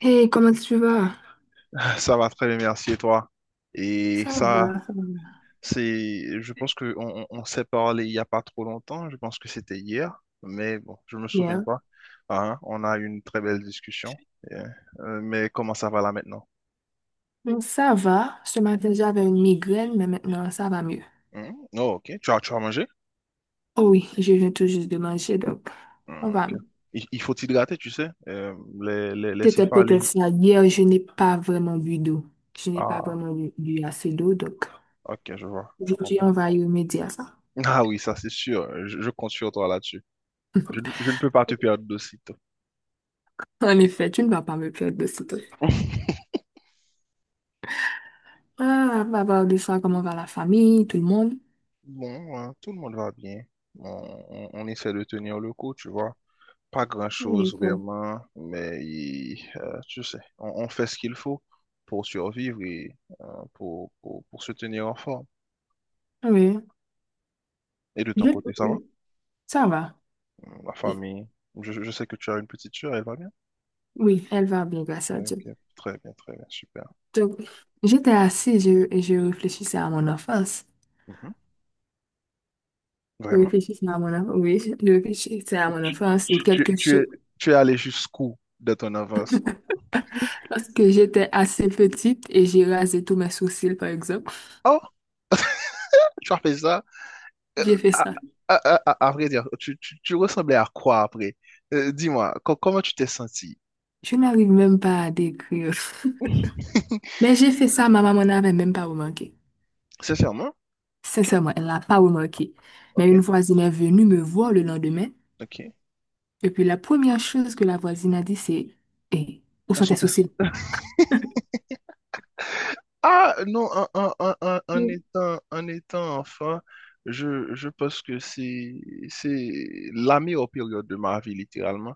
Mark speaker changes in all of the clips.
Speaker 1: Hey, comment tu vas?
Speaker 2: Ça va très bien, merci et toi. Et
Speaker 1: Ça
Speaker 2: ça,
Speaker 1: va, ça va.
Speaker 2: c'est, je pense que on s'est parlé il n'y a pas trop longtemps, je pense que c'était hier, mais bon, je me souviens
Speaker 1: Bien.
Speaker 2: pas. Ah, hein, on a eu une très belle discussion. Et, mais comment ça va là maintenant?
Speaker 1: Ça va. Ce matin, j'avais une migraine, mais maintenant, ça va mieux.
Speaker 2: Hmm, oh, ok, tu as mangé?
Speaker 1: Oh oui, je viens tout juste de manger, donc on
Speaker 2: Hmm,
Speaker 1: va
Speaker 2: ok.
Speaker 1: mieux.
Speaker 2: Il faut t'hydrater, tu sais. Les
Speaker 1: C'était peut-être
Speaker 2: céphalées.
Speaker 1: ça. Hier, je n'ai pas vraiment bu d'eau. Je n'ai pas
Speaker 2: Ah,
Speaker 1: vraiment bu assez d'eau, donc
Speaker 2: ok, je vois, je
Speaker 1: aujourd'hui,
Speaker 2: comprends.
Speaker 1: on va y remédier à ça.
Speaker 2: Ah oui, ça c'est sûr, je compte sur toi là-dessus. Je ne peux pas te perdre de sitôt.
Speaker 1: En effet, tu ne vas pas me perdre de ce truc. Ah, on va voir de ça comment va la famille, tout le monde.
Speaker 2: Bon, hein, tout le monde va bien. On, on essaie de tenir le coup, tu vois. Pas
Speaker 1: Oui,
Speaker 2: grand-chose
Speaker 1: bon.
Speaker 2: vraiment, mais tu sais, on fait ce qu'il faut pour survivre et pour se tenir en forme.
Speaker 1: Oui.
Speaker 2: Et de ton
Speaker 1: Je-
Speaker 2: côté, ça va?
Speaker 1: Ça va.
Speaker 2: La famille, je sais que tu as une petite sœur, elle va bien?
Speaker 1: Oui, elle va bien, grâce à
Speaker 2: Ok,
Speaker 1: Dieu.
Speaker 2: très bien, super.
Speaker 1: Donc, j'étais assise et je réfléchissais à mon enfance.
Speaker 2: Mhm,
Speaker 1: Je
Speaker 2: vraiment?
Speaker 1: réfléchissais à mon enfance, oui, je réfléchissais à mon
Speaker 2: Tu,
Speaker 1: enfance ou
Speaker 2: tu, tu,
Speaker 1: quelque
Speaker 2: tu es,
Speaker 1: chose.
Speaker 2: tu es allé jusqu'où de ton avance?
Speaker 1: Lorsque j'étais assez petite et j'ai rasé tous mes sourcils, par exemple,
Speaker 2: Oh, tu as fait ça? Euh,
Speaker 1: j'ai fait
Speaker 2: à,
Speaker 1: ça.
Speaker 2: à vrai dire, tu ressemblais à quoi après? Dis-moi, comment tu t'es senti?
Speaker 1: Je n'arrive même pas à décrire. Mais j'ai fait ça, ma maman n'avait même pas remarqué.
Speaker 2: Sincèrement? Ok,
Speaker 1: Sincèrement, elle n'a pas remarqué. Mais
Speaker 2: ok,
Speaker 1: une voisine est venue me voir le lendemain.
Speaker 2: ok.
Speaker 1: Et puis la première chose que la voisine a dit, c'est, eh, où
Speaker 2: On
Speaker 1: sont tes
Speaker 2: sentait.
Speaker 1: sourcils?
Speaker 2: Ah non, en, en- en- en- en
Speaker 1: Mm.
Speaker 2: étant, en étant enfant, je pense que c'est la meilleure période de ma vie, littéralement.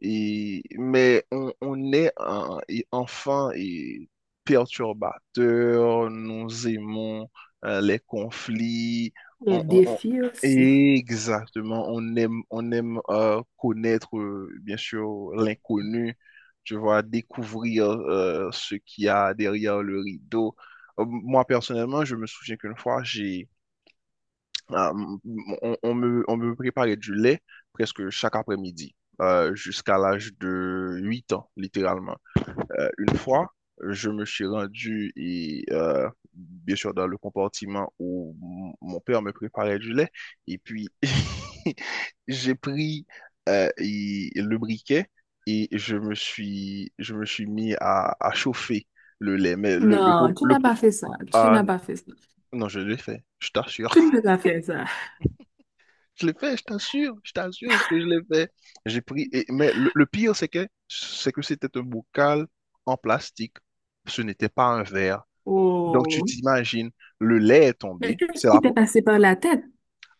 Speaker 2: Et, mais on est et enfant et perturbateur, nous aimons les conflits,
Speaker 1: Les
Speaker 2: on, on- on-
Speaker 1: défis aussi.
Speaker 2: exactement, on aime connaître, bien sûr, l'inconnu, tu vois, découvrir ce qu'il y a derrière le rideau. Moi, personnellement, je me souviens qu'une fois, j'ai euh, on me préparait du lait presque chaque après-midi, jusqu'à l'âge de 8 ans, littéralement. Une fois, je me suis rendu, bien sûr, dans le compartiment où mon père me préparait du lait, et puis j'ai pris le briquet et je me suis mis à chauffer le lait.
Speaker 1: Non, tu n'as pas fait ça. Tu
Speaker 2: Ah,
Speaker 1: n'as
Speaker 2: non,
Speaker 1: pas fait ça.
Speaker 2: non, je l'ai fait, je t'assure.
Speaker 1: Tu ne peux pas faire ça.
Speaker 2: Je l'ai fait, je t'assure que je l'ai fait. J'ai pris, mais le pire, c'est que c'était un bocal en plastique. Ce n'était pas un verre. Donc, tu
Speaker 1: Oh.
Speaker 2: t'imagines, le lait est
Speaker 1: Mais
Speaker 2: tombé.
Speaker 1: qu'est-ce qui t'est passé par la tête?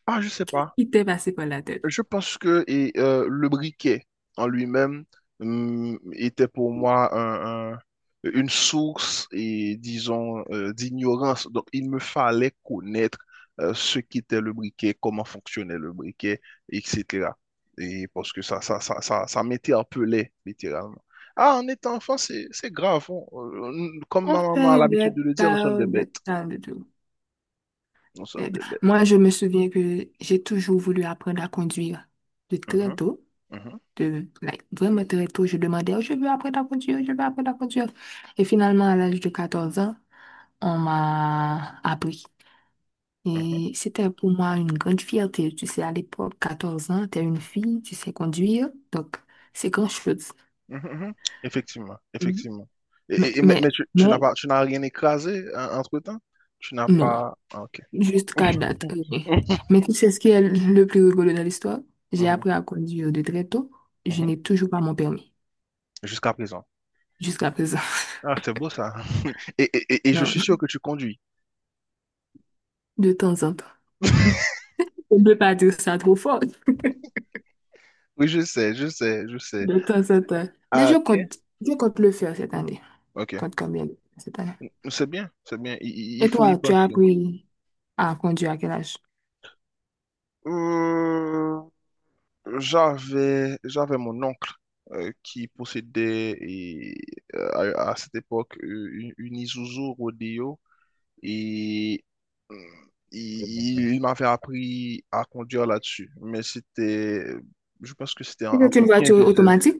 Speaker 2: Ah, je sais pas.
Speaker 1: Qui t'est passé par la tête?
Speaker 2: Je pense que le briquet en lui-même était pour moi une source et disons d'ignorance. Donc il me fallait connaître ce qu'était le briquet, comment fonctionnait le briquet, etc. Et parce que ça m'interpellait littéralement. Ah, en étant enfant, c'est grave. Comme
Speaker 1: On
Speaker 2: ma maman a
Speaker 1: fait
Speaker 2: l'habitude de le dire, nous sommes des
Speaker 1: des
Speaker 2: bêtes.
Speaker 1: tas de tout.
Speaker 2: Nous sommes
Speaker 1: Et
Speaker 2: des bêtes.
Speaker 1: moi, je me souviens que j'ai toujours voulu apprendre à conduire de très
Speaker 2: Mhm,
Speaker 1: tôt.
Speaker 2: mhm,
Speaker 1: De, like, vraiment très tôt, je demandais, oh, je veux apprendre à conduire, je veux apprendre à conduire. Et finalement, à l'âge de 14 ans, on m'a appris.
Speaker 2: mhm.
Speaker 1: Et c'était pour moi une grande fierté. Tu sais, à l'époque, 14 ans, tu es une fille, tu sais conduire, donc c'est grand-chose.
Speaker 2: Mhm, mhm. Effectivement,
Speaker 1: Mhm.
Speaker 2: effectivement. Et,
Speaker 1: Mais,
Speaker 2: et- et- mais,
Speaker 1: mais,
Speaker 2: mais tu, tu n'as
Speaker 1: mais,
Speaker 2: pas, tu n'as rien écrasé entre-temps? Tu n'as
Speaker 1: non,
Speaker 2: pas. Ah, ok.
Speaker 1: jusqu'à date. Rien. Mais tu sais ce qui est le plus rigolo dans l'histoire? J'ai
Speaker 2: Mhm,
Speaker 1: appris à conduire de très tôt. Je
Speaker 2: mhm.
Speaker 1: n'ai toujours pas mon permis,
Speaker 2: Jusqu'à présent.
Speaker 1: jusqu'à présent.
Speaker 2: Ah, c'est beau ça. Et je
Speaker 1: Non,
Speaker 2: suis sûr que tu conduis.
Speaker 1: de temps en temps. On ne peut pas dire ça trop fort,
Speaker 2: Oui, je sais, je sais, je sais.
Speaker 1: de temps en temps. Mais
Speaker 2: Ah,
Speaker 1: je
Speaker 2: ok.
Speaker 1: compte, je compte le faire cette année.
Speaker 2: Ok.
Speaker 1: Compte combien cette année.
Speaker 2: C'est bien, c'est bien. Il
Speaker 1: Et
Speaker 2: faut y
Speaker 1: toi, tu as
Speaker 2: passer.
Speaker 1: appris à conduire à quel âge?
Speaker 2: Euh, j'avais mon oncle qui possédait euh, à cette époque une Isuzu Rodeo et hum, il m'avait appris à conduire là-dessus. Mais c'était, je pense que c'était
Speaker 1: Si c'est
Speaker 2: entre
Speaker 1: une
Speaker 2: 15
Speaker 1: voiture
Speaker 2: et 16.
Speaker 1: automatique.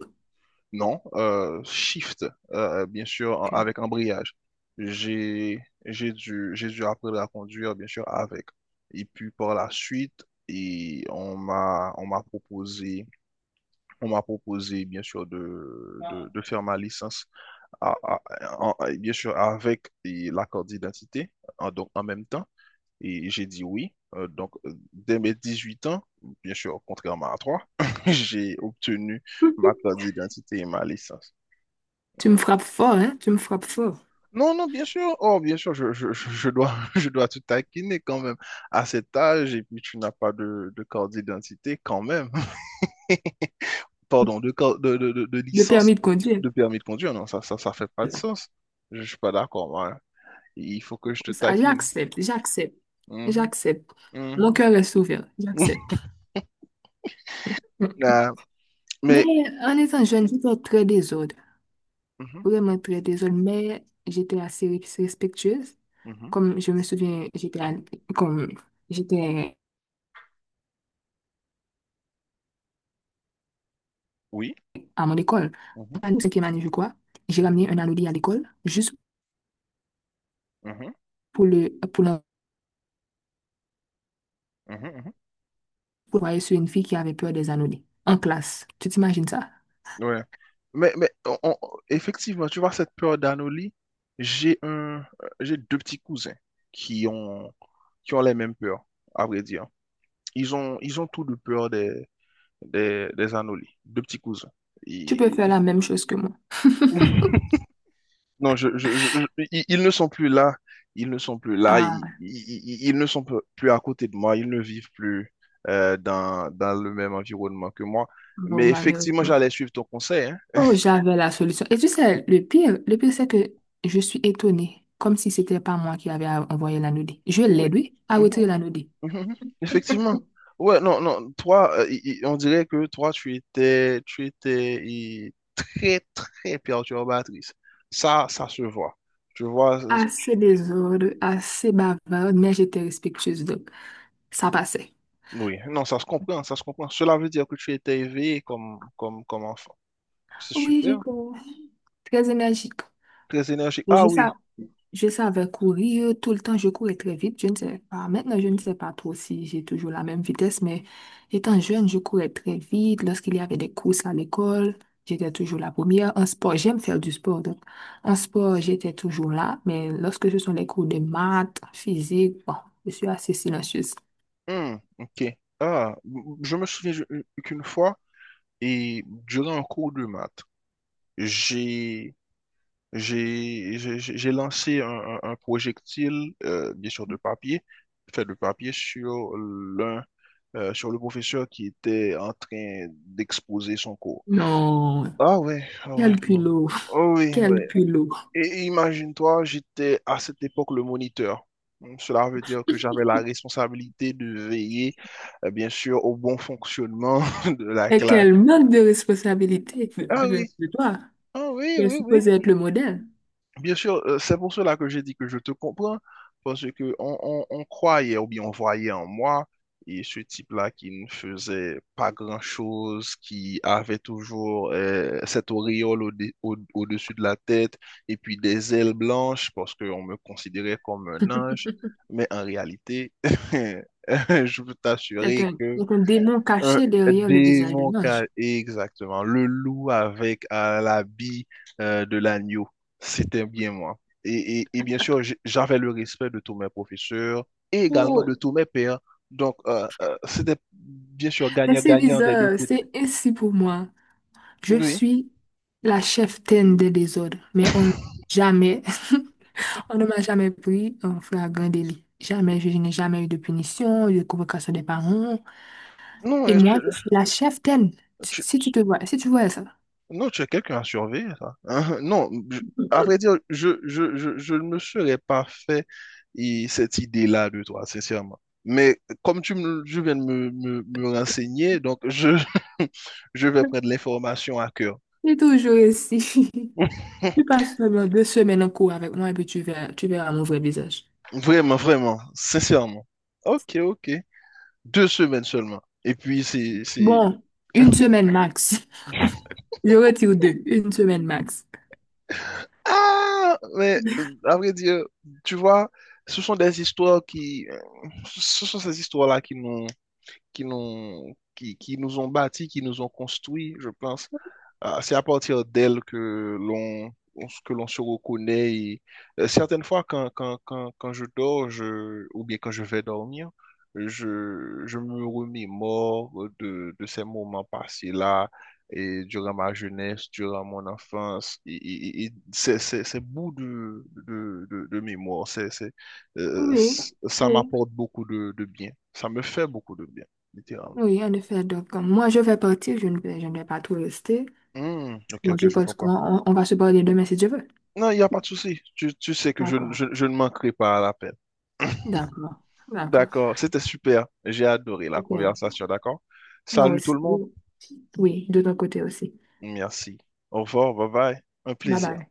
Speaker 2: Non, shift, bien sûr,
Speaker 1: Ok.
Speaker 2: avec embrayage. J'ai dû apprendre à conduire, bien sûr, avec. Et puis par la suite, et on m'a proposé, bien sûr, de faire ma licence, à- à- bien sûr, avec et la carte d'identité, donc en même temps. Et j'ai dit oui. Donc, dès mes 18 ans, bien sûr, contrairement à toi, j'ai obtenu ma carte d'identité et ma licence.
Speaker 1: Tu me
Speaker 2: Mm.
Speaker 1: frappes fort, hein? Tu me frappes fort.
Speaker 2: Non, non, bien sûr. Oh, bien sûr, je dois, je dois te taquiner quand même à cet âge. Et puis, tu n'as pas de carte d'identité quand même. Pardon, de
Speaker 1: Le
Speaker 2: licence,
Speaker 1: permis de conduire.
Speaker 2: de permis de conduire. Non, ça fait pas de sens. Je suis pas d'accord, moi. Hein. Il faut que je te
Speaker 1: Ça,
Speaker 2: taquine. Mhm,
Speaker 1: j'accepte. Mon
Speaker 2: mhm.
Speaker 1: cœur est ouvert, j'accepte. Mm.
Speaker 2: Ah,
Speaker 1: Mais
Speaker 2: mais,
Speaker 1: en étant jeune, j'étais très désordre,
Speaker 2: mhm,
Speaker 1: vraiment très désordre, mais j'étais assez respectueuse.
Speaker 2: mhm.
Speaker 1: Comme je me souviens, comme j'étais
Speaker 2: Oui.
Speaker 1: à mon école,
Speaker 2: Mhm,
Speaker 1: en 5e année, je crois, j'ai
Speaker 2: mhm,
Speaker 1: ramené un anodi à l'école juste
Speaker 2: mhm,
Speaker 1: pour
Speaker 2: mhm, mhm.
Speaker 1: l'envoyer sur une fille qui avait peur des anodis en classe. Tu t'imagines ça?
Speaker 2: Ouais. Mais effectivement, tu vois, cette peur d'anolie, j'ai deux petits cousins qui ont, qui ont les mêmes peurs, à vrai dire. Ils ont tous deux peur des anolies. Deux petits cousins.
Speaker 1: Tu peux
Speaker 2: Et-
Speaker 1: faire la même chose que moi.
Speaker 2: non, ils ne sont plus là. Ils ne sont plus là.
Speaker 1: Ah,
Speaker 2: Ils ne sont plus à côté de moi. Ils ne vivent plus dans le même environnement que moi.
Speaker 1: oh,
Speaker 2: Mais
Speaker 1: malheureux.
Speaker 2: effectivement, j'allais suivre ton conseil, hein.
Speaker 1: Oh, j'avais la solution. Et tu sais, le pire, c'est que je suis étonnée, comme si c'était pas moi qui avait envoyé la. Je
Speaker 2: Oui.
Speaker 1: l'aide, oui, à
Speaker 2: Mhm,
Speaker 1: retirer
Speaker 2: mhm.
Speaker 1: la.
Speaker 2: Mhm, mhm. Effectivement. Ouais, non, non. Toi, on dirait que toi, tu étais très, très perturbatrice. Ça se voit. Tu vois,
Speaker 1: Assez désordre, assez bavarde, mais j'étais respectueuse, donc ça passait.
Speaker 2: oui. Non, ça se comprend, ça se comprend. Cela veut dire que tu étais éveillé comme enfant. C'est
Speaker 1: Oui,
Speaker 2: super.
Speaker 1: j'étais très énergique.
Speaker 2: Très énergique.
Speaker 1: Mais je
Speaker 2: Ah
Speaker 1: sais,
Speaker 2: oui.
Speaker 1: Je savais courir tout le temps, je courais très vite. Je ne sais pas. Maintenant, je ne sais pas trop si j'ai toujours la même vitesse, mais étant jeune, je courais très vite. Lorsqu'il y avait des courses à l'école, j'étais toujours la première. En sport, j'aime faire du sport. Donc, en sport, j'étais toujours là, mais lorsque ce sont les cours de maths, physique, bon, je suis assez silencieuse.
Speaker 2: Hmm, ok. Ah, je me souviens qu'une fois, et durant un cours de maths, j'ai j'ai lancé un projectile, bien sûr de papier, fait de papier sur le professeur qui était en train d'exposer son cours.
Speaker 1: Non,
Speaker 2: Ah ouais, ah ouais,
Speaker 1: quel
Speaker 2: oh,
Speaker 1: culot,
Speaker 2: oh oui,
Speaker 1: quel
Speaker 2: ouais.
Speaker 1: culot.
Speaker 2: Et imagine-toi, j'étais à cette époque le moniteur. Donc, cela veut dire que j'avais la responsabilité de veiller, bien sûr, au bon fonctionnement de la
Speaker 1: Et
Speaker 2: classe.
Speaker 1: quel manque de responsabilité
Speaker 2: Ah
Speaker 1: venant
Speaker 2: oui,
Speaker 1: de toi.
Speaker 2: ah oui,
Speaker 1: Tu es
Speaker 2: oui,
Speaker 1: supposé
Speaker 2: oui.
Speaker 1: être le modèle.
Speaker 2: Bien sûr, c'est pour cela que j'ai dit que je te comprends, parce que on croyait ou bien on voyait en moi et ce type-là qui ne faisait pas grand-chose, qui avait toujours cette auréole au-dessus de la tête et puis des ailes blanches parce qu'on me considérait comme un ange, mais en réalité, je peux t'assurer
Speaker 1: C'est un démon
Speaker 2: un
Speaker 1: caché derrière le visage de
Speaker 2: démon,
Speaker 1: l'ange.
Speaker 2: exactement. Le loup avec l'habit de l'agneau. C'était bien moi. Et bien sûr, j'avais le respect de tous mes professeurs et également de
Speaker 1: Oh.
Speaker 2: tous mes pairs. Donc, c'était bien sûr
Speaker 1: Mais c'est
Speaker 2: gagnant-gagnant des deux
Speaker 1: bizarre,
Speaker 2: côtés.
Speaker 1: c'est ainsi pour moi. Je
Speaker 2: Oui.
Speaker 1: suis la cheftaine des désordres, mais on, jamais, on ne m'a jamais pris en flagrant délit. Jamais, je n'ai jamais eu de punition, de convocation des parents.
Speaker 2: Non,
Speaker 1: Et moi, je suis la cheftaine. Si
Speaker 2: tu,
Speaker 1: si tu te vois, si tu vois ça,
Speaker 2: non, tu as quelqu'un à surveiller, ça. Hein, hein, non, à vrai dire, je ne me serais pas fait et cette idée-là de toi, sincèrement. Mais comme je viens de me renseigner, donc je, je vais prendre l'information à cœur.
Speaker 1: c'est toujours ainsi. Tu passes seulement 2 semaines en cours avec moi et puis tu verras mon vrai visage.
Speaker 2: Vraiment, vraiment, sincèrement. Ok, ok. 2 semaines seulement. Et puis, c'est...
Speaker 1: Bon, une semaine max. Je retire deux, 1 semaine max.
Speaker 2: Ah, mais à vrai dire, tu vois, ce sont des histoires qui. Ce sont ces histoires-là qui nous ont bâtis, qui nous ont construits, je pense. Ah, c'est à partir d'elles que l'on se reconnaît. Et, certaines fois, quand je dors, ou bien quand je vais dormir, je me remémore de ces moments passés-là, et durant ma jeunesse, durant mon enfance, et ces bouts de mémoire,
Speaker 1: Oui,
Speaker 2: ça
Speaker 1: oui,
Speaker 2: m'apporte beaucoup de bien. Ça me fait beaucoup de bien littéralement.
Speaker 1: oui, en effet. Donc, moi, je vais partir. Je ne vais pas tout rester.
Speaker 2: Hmm, ok,
Speaker 1: Moi je
Speaker 2: ok, je
Speaker 1: pense
Speaker 2: comprends.
Speaker 1: on va se parler demain si tu veux.
Speaker 2: Non, il n'y a pas de souci. Tu sais que je, ne-
Speaker 1: D'accord.
Speaker 2: je, je ne manquerai pas à l'appel.
Speaker 1: D'accord. D'accord.
Speaker 2: D'accord, c'était super. J'ai adoré la
Speaker 1: Super.
Speaker 2: conversation, d'accord?
Speaker 1: Moi
Speaker 2: Salut tout
Speaker 1: aussi.
Speaker 2: le monde.
Speaker 1: Oui, oui, de ton côté aussi.
Speaker 2: Merci. Au revoir, bye bye. Un
Speaker 1: Bye
Speaker 2: plaisir.
Speaker 1: bye.